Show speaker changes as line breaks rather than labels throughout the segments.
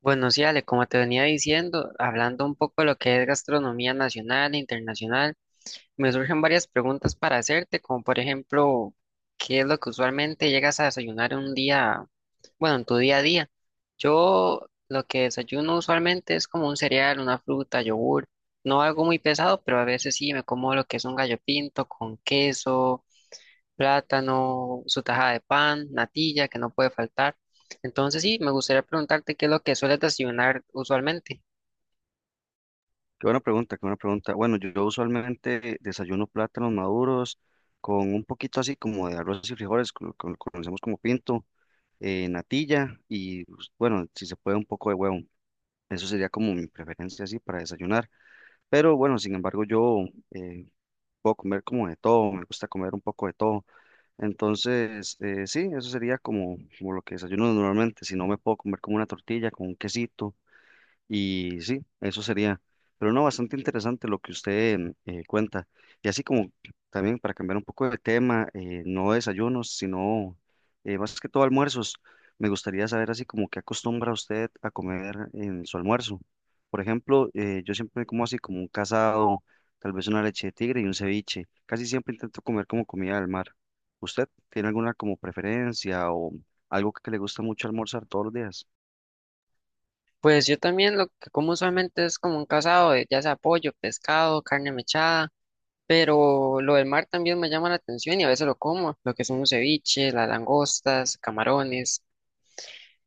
Bueno, sí, Ale, como te venía diciendo, hablando un poco de lo que es gastronomía nacional e internacional, me surgen varias preguntas para hacerte, como por ejemplo, ¿qué es lo que usualmente llegas a desayunar un día, bueno, en tu día a día? Yo lo que desayuno usualmente es como un cereal, una fruta, yogur, no algo muy pesado, pero a veces sí me como lo que es un gallo pinto con queso plátano, su tajada de pan, natilla, que no puede faltar. Entonces sí, me gustaría preguntarte qué es lo que sueles desayunar usualmente.
Qué buena pregunta, qué buena pregunta. Bueno, yo usualmente desayuno plátanos maduros con un poquito así como de arroz y frijoles, con lo que conocemos como pinto, natilla y pues, bueno, si se puede un poco de huevo. Eso sería como mi preferencia así para desayunar. Pero bueno, sin embargo, yo eh, puedo comer como de todo, me gusta comer un poco de todo. Entonces, sí, eso sería como lo que desayuno normalmente. Si no, me puedo comer como una tortilla con un quesito y sí, eso sería. Pero no, bastante interesante lo que usted cuenta. Y así como también para cambiar un poco de tema, no desayunos, sino más que todo almuerzos. Me gustaría saber así como qué acostumbra usted a comer en su almuerzo. Por ejemplo, yo siempre como así como un casado, tal vez una leche de tigre y un ceviche. Casi siempre intento comer como comida del mar. ¿Usted tiene alguna como preferencia o algo que le gusta mucho almorzar todos los días?
Pues yo también lo que como usualmente es como un casado, de, ya sea pollo, pescado, carne mechada, pero lo del mar también me llama la atención y a veces lo como, lo que son los ceviches, las langostas, camarones.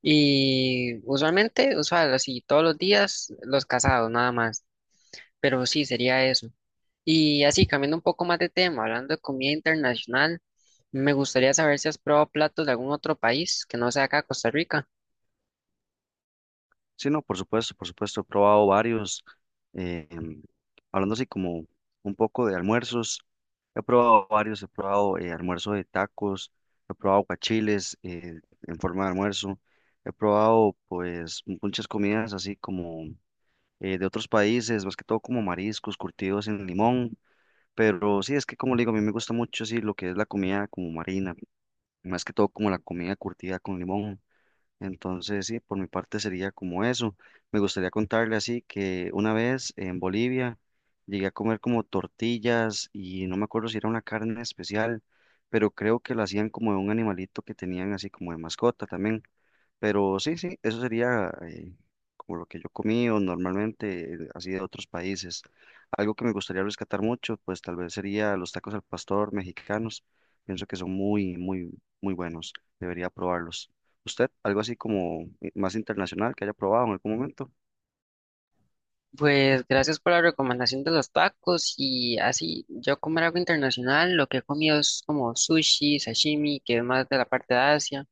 Y usualmente, así todos los días los casados, nada más. Pero sí, sería eso. Y así, cambiando un poco más de tema, hablando de comida internacional, me gustaría saber si has probado platos de algún otro país que no sea acá Costa Rica.
Sí, no, por supuesto, he probado varios, eh, em, hablando así como un poco de almuerzos, he probado varios, he probado almuerzo de tacos, he probado guachiles en forma de almuerzo, he probado pues muchas comidas así como de otros países, más que todo como mariscos curtidos en limón, pero sí, es que como le digo, a mí me gusta mucho así lo que es la comida como marina, más que todo como la comida curtida con limón. Entonces, sí, por mi parte sería como eso. Me gustaría contarle así que una vez en Bolivia llegué a comer como tortillas y no me acuerdo si era una carne especial, pero creo que lo hacían como de un animalito que tenían así como de mascota también. Pero sí, sí, eso sería como lo que yo comí o normalmente así de otros países. Algo que me gustaría rescatar mucho, pues tal vez sería los tacos al pastor mexicanos. Pienso que son muy, muy, muy buenos. Debería probarlos. ¿Usted algo así como más internacional que haya probado en algún momento?
Pues gracias por la recomendación de los tacos y así, yo comer algo internacional, lo que he comido es como sushi, sashimi, que es más de la parte de Asia.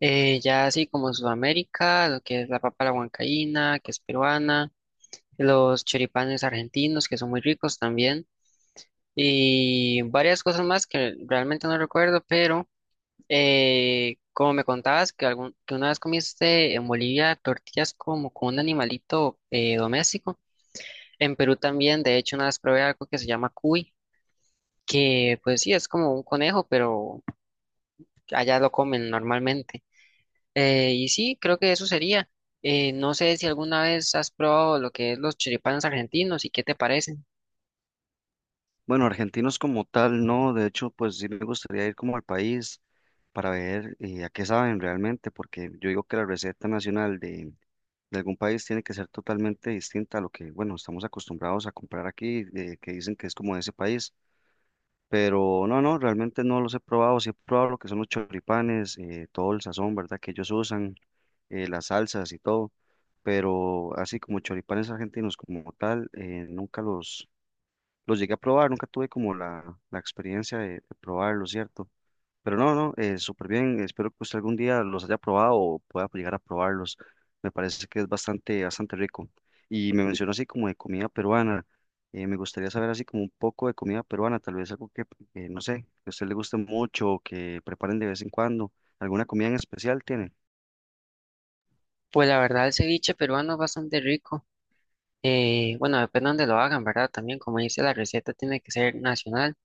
Ya así como Sudamérica, lo que es la papa a la huancaína, que es peruana, los choripanes argentinos, que son muy ricos también. Y varias cosas más que realmente no recuerdo, pero como me contabas que, que una vez comiste en Bolivia tortillas como con un animalito doméstico, en Perú también, de hecho, una vez probé algo que se llama cuy, que pues sí, es como un conejo, pero allá lo comen normalmente. Y sí, creo que eso sería. No sé si alguna vez has probado lo que es los choripanes argentinos y qué te parecen.
Bueno, argentinos como tal, no. De hecho, pues sí me gustaría ir como al país para ver a qué saben realmente, porque yo digo que la receta nacional de algún país tiene que ser totalmente distinta a lo que, bueno, estamos acostumbrados a comprar aquí, de que dicen que es como de ese país, pero no, no, realmente no los he probado, sí he probado lo que son los choripanes, todo el sazón, ¿verdad? Que ellos usan, las salsas y todo, pero así como choripanes argentinos como tal, nunca los llegué a probar, nunca tuve como la experiencia de probarlo, ¿cierto? Pero no, no, súper bien. Espero que usted algún día los haya probado o pueda llegar a probarlos. Me parece que es bastante, bastante rico. Y me mencionó así como de comida peruana. Me gustaría saber así como un poco de comida peruana, tal vez algo que, no sé, que a usted le guste mucho o que preparen de vez en cuando. ¿Alguna comida en especial tiene?
Pues la verdad, el ceviche peruano es bastante rico. Bueno, depende de donde lo hagan, ¿verdad? También, como dice, la receta tiene que ser nacional.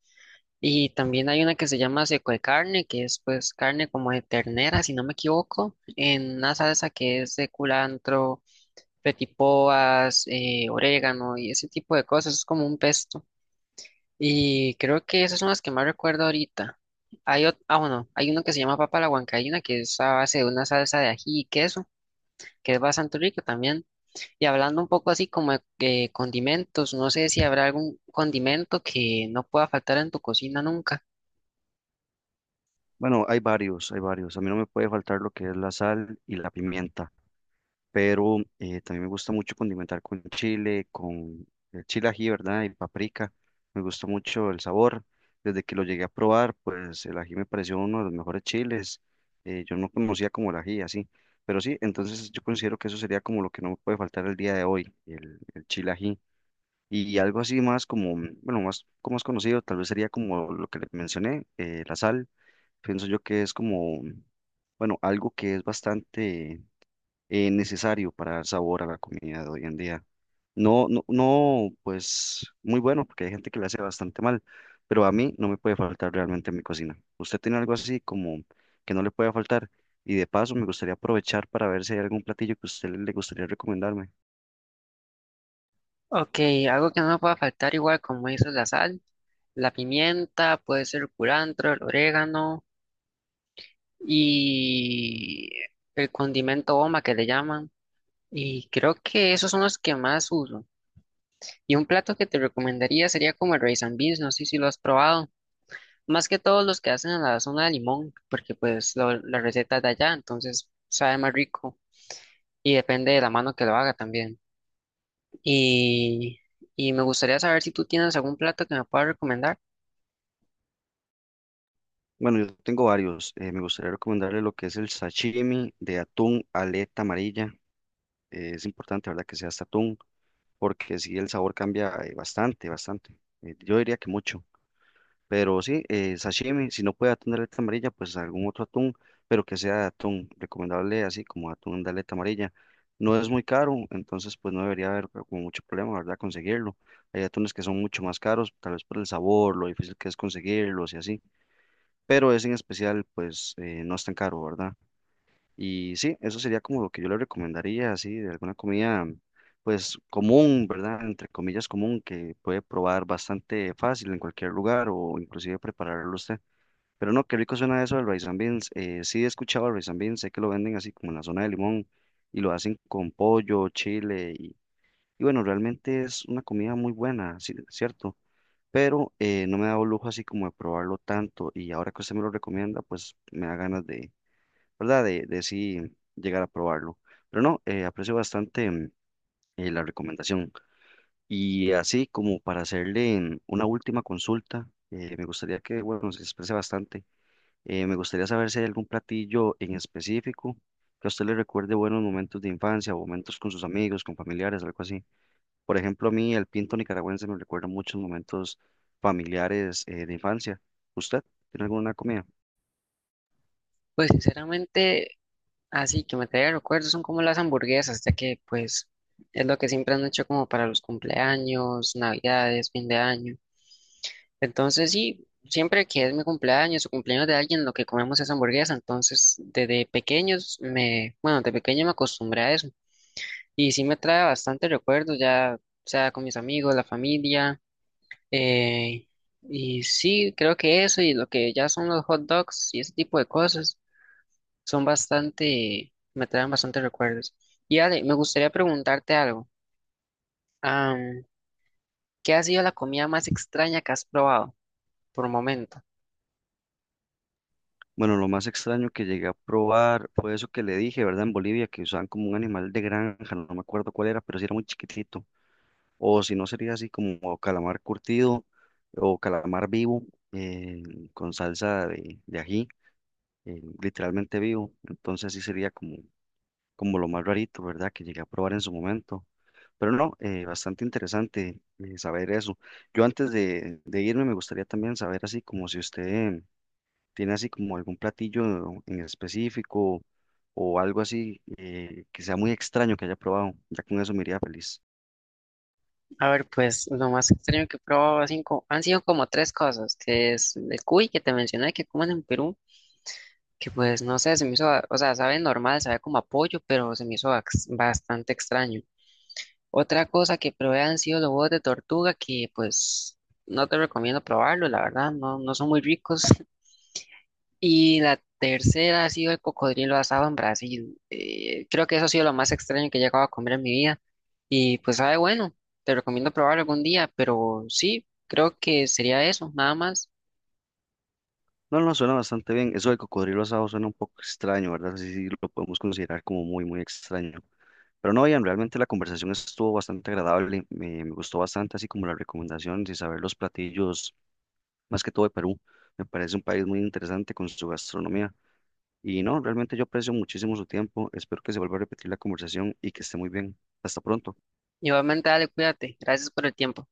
Y también hay una que se llama seco de carne, que es pues carne como de ternera, si no me equivoco, en una salsa que es de culantro, petipoas, orégano y ese tipo de cosas. Es como un pesto. Y creo que esas son las que más recuerdo ahorita. Ah, bueno, hay uno que se llama papa a la huancaína, que es a base de una salsa de ají y queso, que es bastante rico también. Y hablando un poco así como de condimentos, no sé si habrá algún condimento que no pueda faltar en tu cocina nunca.
Bueno, hay varios, hay varios. A mí no me puede faltar lo que es la sal y la pimienta. Pero también me gusta mucho condimentar con chile ají, ¿verdad? Y paprika. Me gustó mucho el sabor. Desde que lo llegué a probar, pues el ají me pareció uno de los mejores chiles. Yo no conocía como el ají, así. Pero sí, entonces yo considero que eso sería como lo que no me puede faltar el día de hoy, el chile ají. Y algo así más como, bueno, más, como más conocido, tal vez sería como lo que le mencioné, la sal. Pienso yo que es como, bueno, algo que es bastante necesario para dar sabor a la comida de hoy en día. No, no, no, pues muy bueno, porque hay gente que le hace bastante mal, pero a mí no me puede faltar realmente en mi cocina. ¿Usted tiene algo así como que no le puede faltar? Y de paso, me gustaría aprovechar para ver si hay algún platillo que usted le gustaría recomendarme.
Ok, algo que no me pueda faltar igual como eso es la sal, la pimienta, puede ser el culantro, el orégano y el condimento goma que le llaman. Y creo que esos son los que más uso. Y un plato que te recomendaría sería como el rice and beans, no sé si lo has probado. Más que todos los que hacen en la zona de Limón, porque pues la receta es de allá, entonces sabe más rico. Y depende de la mano que lo haga también. Y, y me gustaría saber si tú tienes algún plato que me puedas recomendar.
Bueno, yo tengo varios. Eh, me gustaría recomendarle lo que es el sashimi de atún aleta amarilla. Es importante, ¿verdad?, que sea este atún, porque sí, el sabor cambia bastante, bastante. Yo diría que mucho. Pero sí, sashimi, si no puede atún de aleta amarilla, pues algún otro atún, pero que sea de atún, recomendable así como atún de aleta amarilla. No es muy caro, entonces pues no debería haber como mucho problema, ¿verdad? Conseguirlo. Hay atunes que son mucho más caros, tal vez por el sabor, lo difícil que es conseguirlos y así, pero ese en especial pues no es tan caro, ¿verdad? Y sí, eso sería como lo que yo le recomendaría, así, de alguna comida, pues común, ¿verdad? Entre comillas común, que puede probar bastante fácil en cualquier lugar o inclusive prepararlo usted. Pero no, qué rico suena eso del rice and beans. Sí he escuchado el rice and beans, sé que lo venden así como en la zona de Limón y lo hacen con pollo, chile y bueno, realmente es una comida muy buena, sí, cierto. Pero no me he dado lujo así como de probarlo tanto y ahora que usted me lo recomienda, pues me da ganas de ¿verdad? De sí llegar a probarlo. Pero no, aprecio bastante la recomendación. Y así como para hacerle una última consulta, me gustaría que, bueno, se exprese bastante. Me gustaría saber si hay algún platillo en específico que a usted le recuerde buenos momentos de infancia o momentos con sus amigos, con familiares, algo así. Por ejemplo, a mí el pinto nicaragüense me recuerda muchos momentos familiares de infancia. ¿Usted tiene alguna comida?
Pues sinceramente, así que me traiga recuerdos son como las hamburguesas, ya que pues es lo que siempre han hecho como para los cumpleaños, navidades, fin de año. Entonces sí, siempre que es mi cumpleaños o cumpleaños de alguien, lo que comemos es hamburguesa. Entonces desde pequeños me, bueno, de pequeño me acostumbré a eso. Y sí me trae bastante recuerdos ya, sea con mis amigos, la familia. Eh, y sí, creo que eso y lo que ya son los hot dogs y ese tipo de cosas son bastante, me traen bastante recuerdos. Y Ale, me gustaría preguntarte algo. Am, ¿Qué ha sido la comida más extraña que has probado por momento?
Bueno, lo más extraño que llegué a probar fue eso que le dije, ¿verdad? En Bolivia, que usaban como un animal de granja, no me acuerdo cuál era, pero sí era muy chiquitito. O si no, sería así como calamar curtido o calamar vivo eh, con salsa de ají, literalmente vivo. Entonces sí sería como, como lo más rarito, ¿verdad? Que llegué a probar en su momento. Pero no, bastante interesante saber eso. Yo antes de irme me gustaría también saber así como si usted ¿tiene así como algún platillo en específico o algo así que sea muy extraño que haya probado? Ya con eso me iría feliz.
A ver, pues lo más extraño que he probado han sido como tres cosas, que es el cuy que te mencioné que comen en Perú, que pues no sé, se me hizo, o sea, sabe normal, sabe como apoyo pero se me hizo bastante extraño. Otra cosa que probé han sido los huevos de tortuga, que pues no te recomiendo probarlo, la verdad, no son muy ricos. Y la tercera ha sido el cocodrilo asado en Brasil. Creo que eso ha sido lo más extraño que he llegado a comer en mi vida. Y pues sabe, bueno, te recomiendo probarlo algún día, pero sí, creo que sería eso, nada más.
No, no, suena bastante bien. Eso del cocodrilo asado suena un poco extraño, ¿verdad? Sí, sí, lo podemos considerar como muy, muy extraño. Pero no, bien, realmente la conversación estuvo bastante agradable. Me gustó bastante, así como las recomendaciones y saber los platillos, más que todo de Perú. Me parece un país muy interesante con su gastronomía. Y no, realmente yo aprecio muchísimo su tiempo. Espero que se vuelva a repetir la conversación y que esté muy bien. Hasta pronto.
Igualmente, dale, cuídate. Gracias por el tiempo.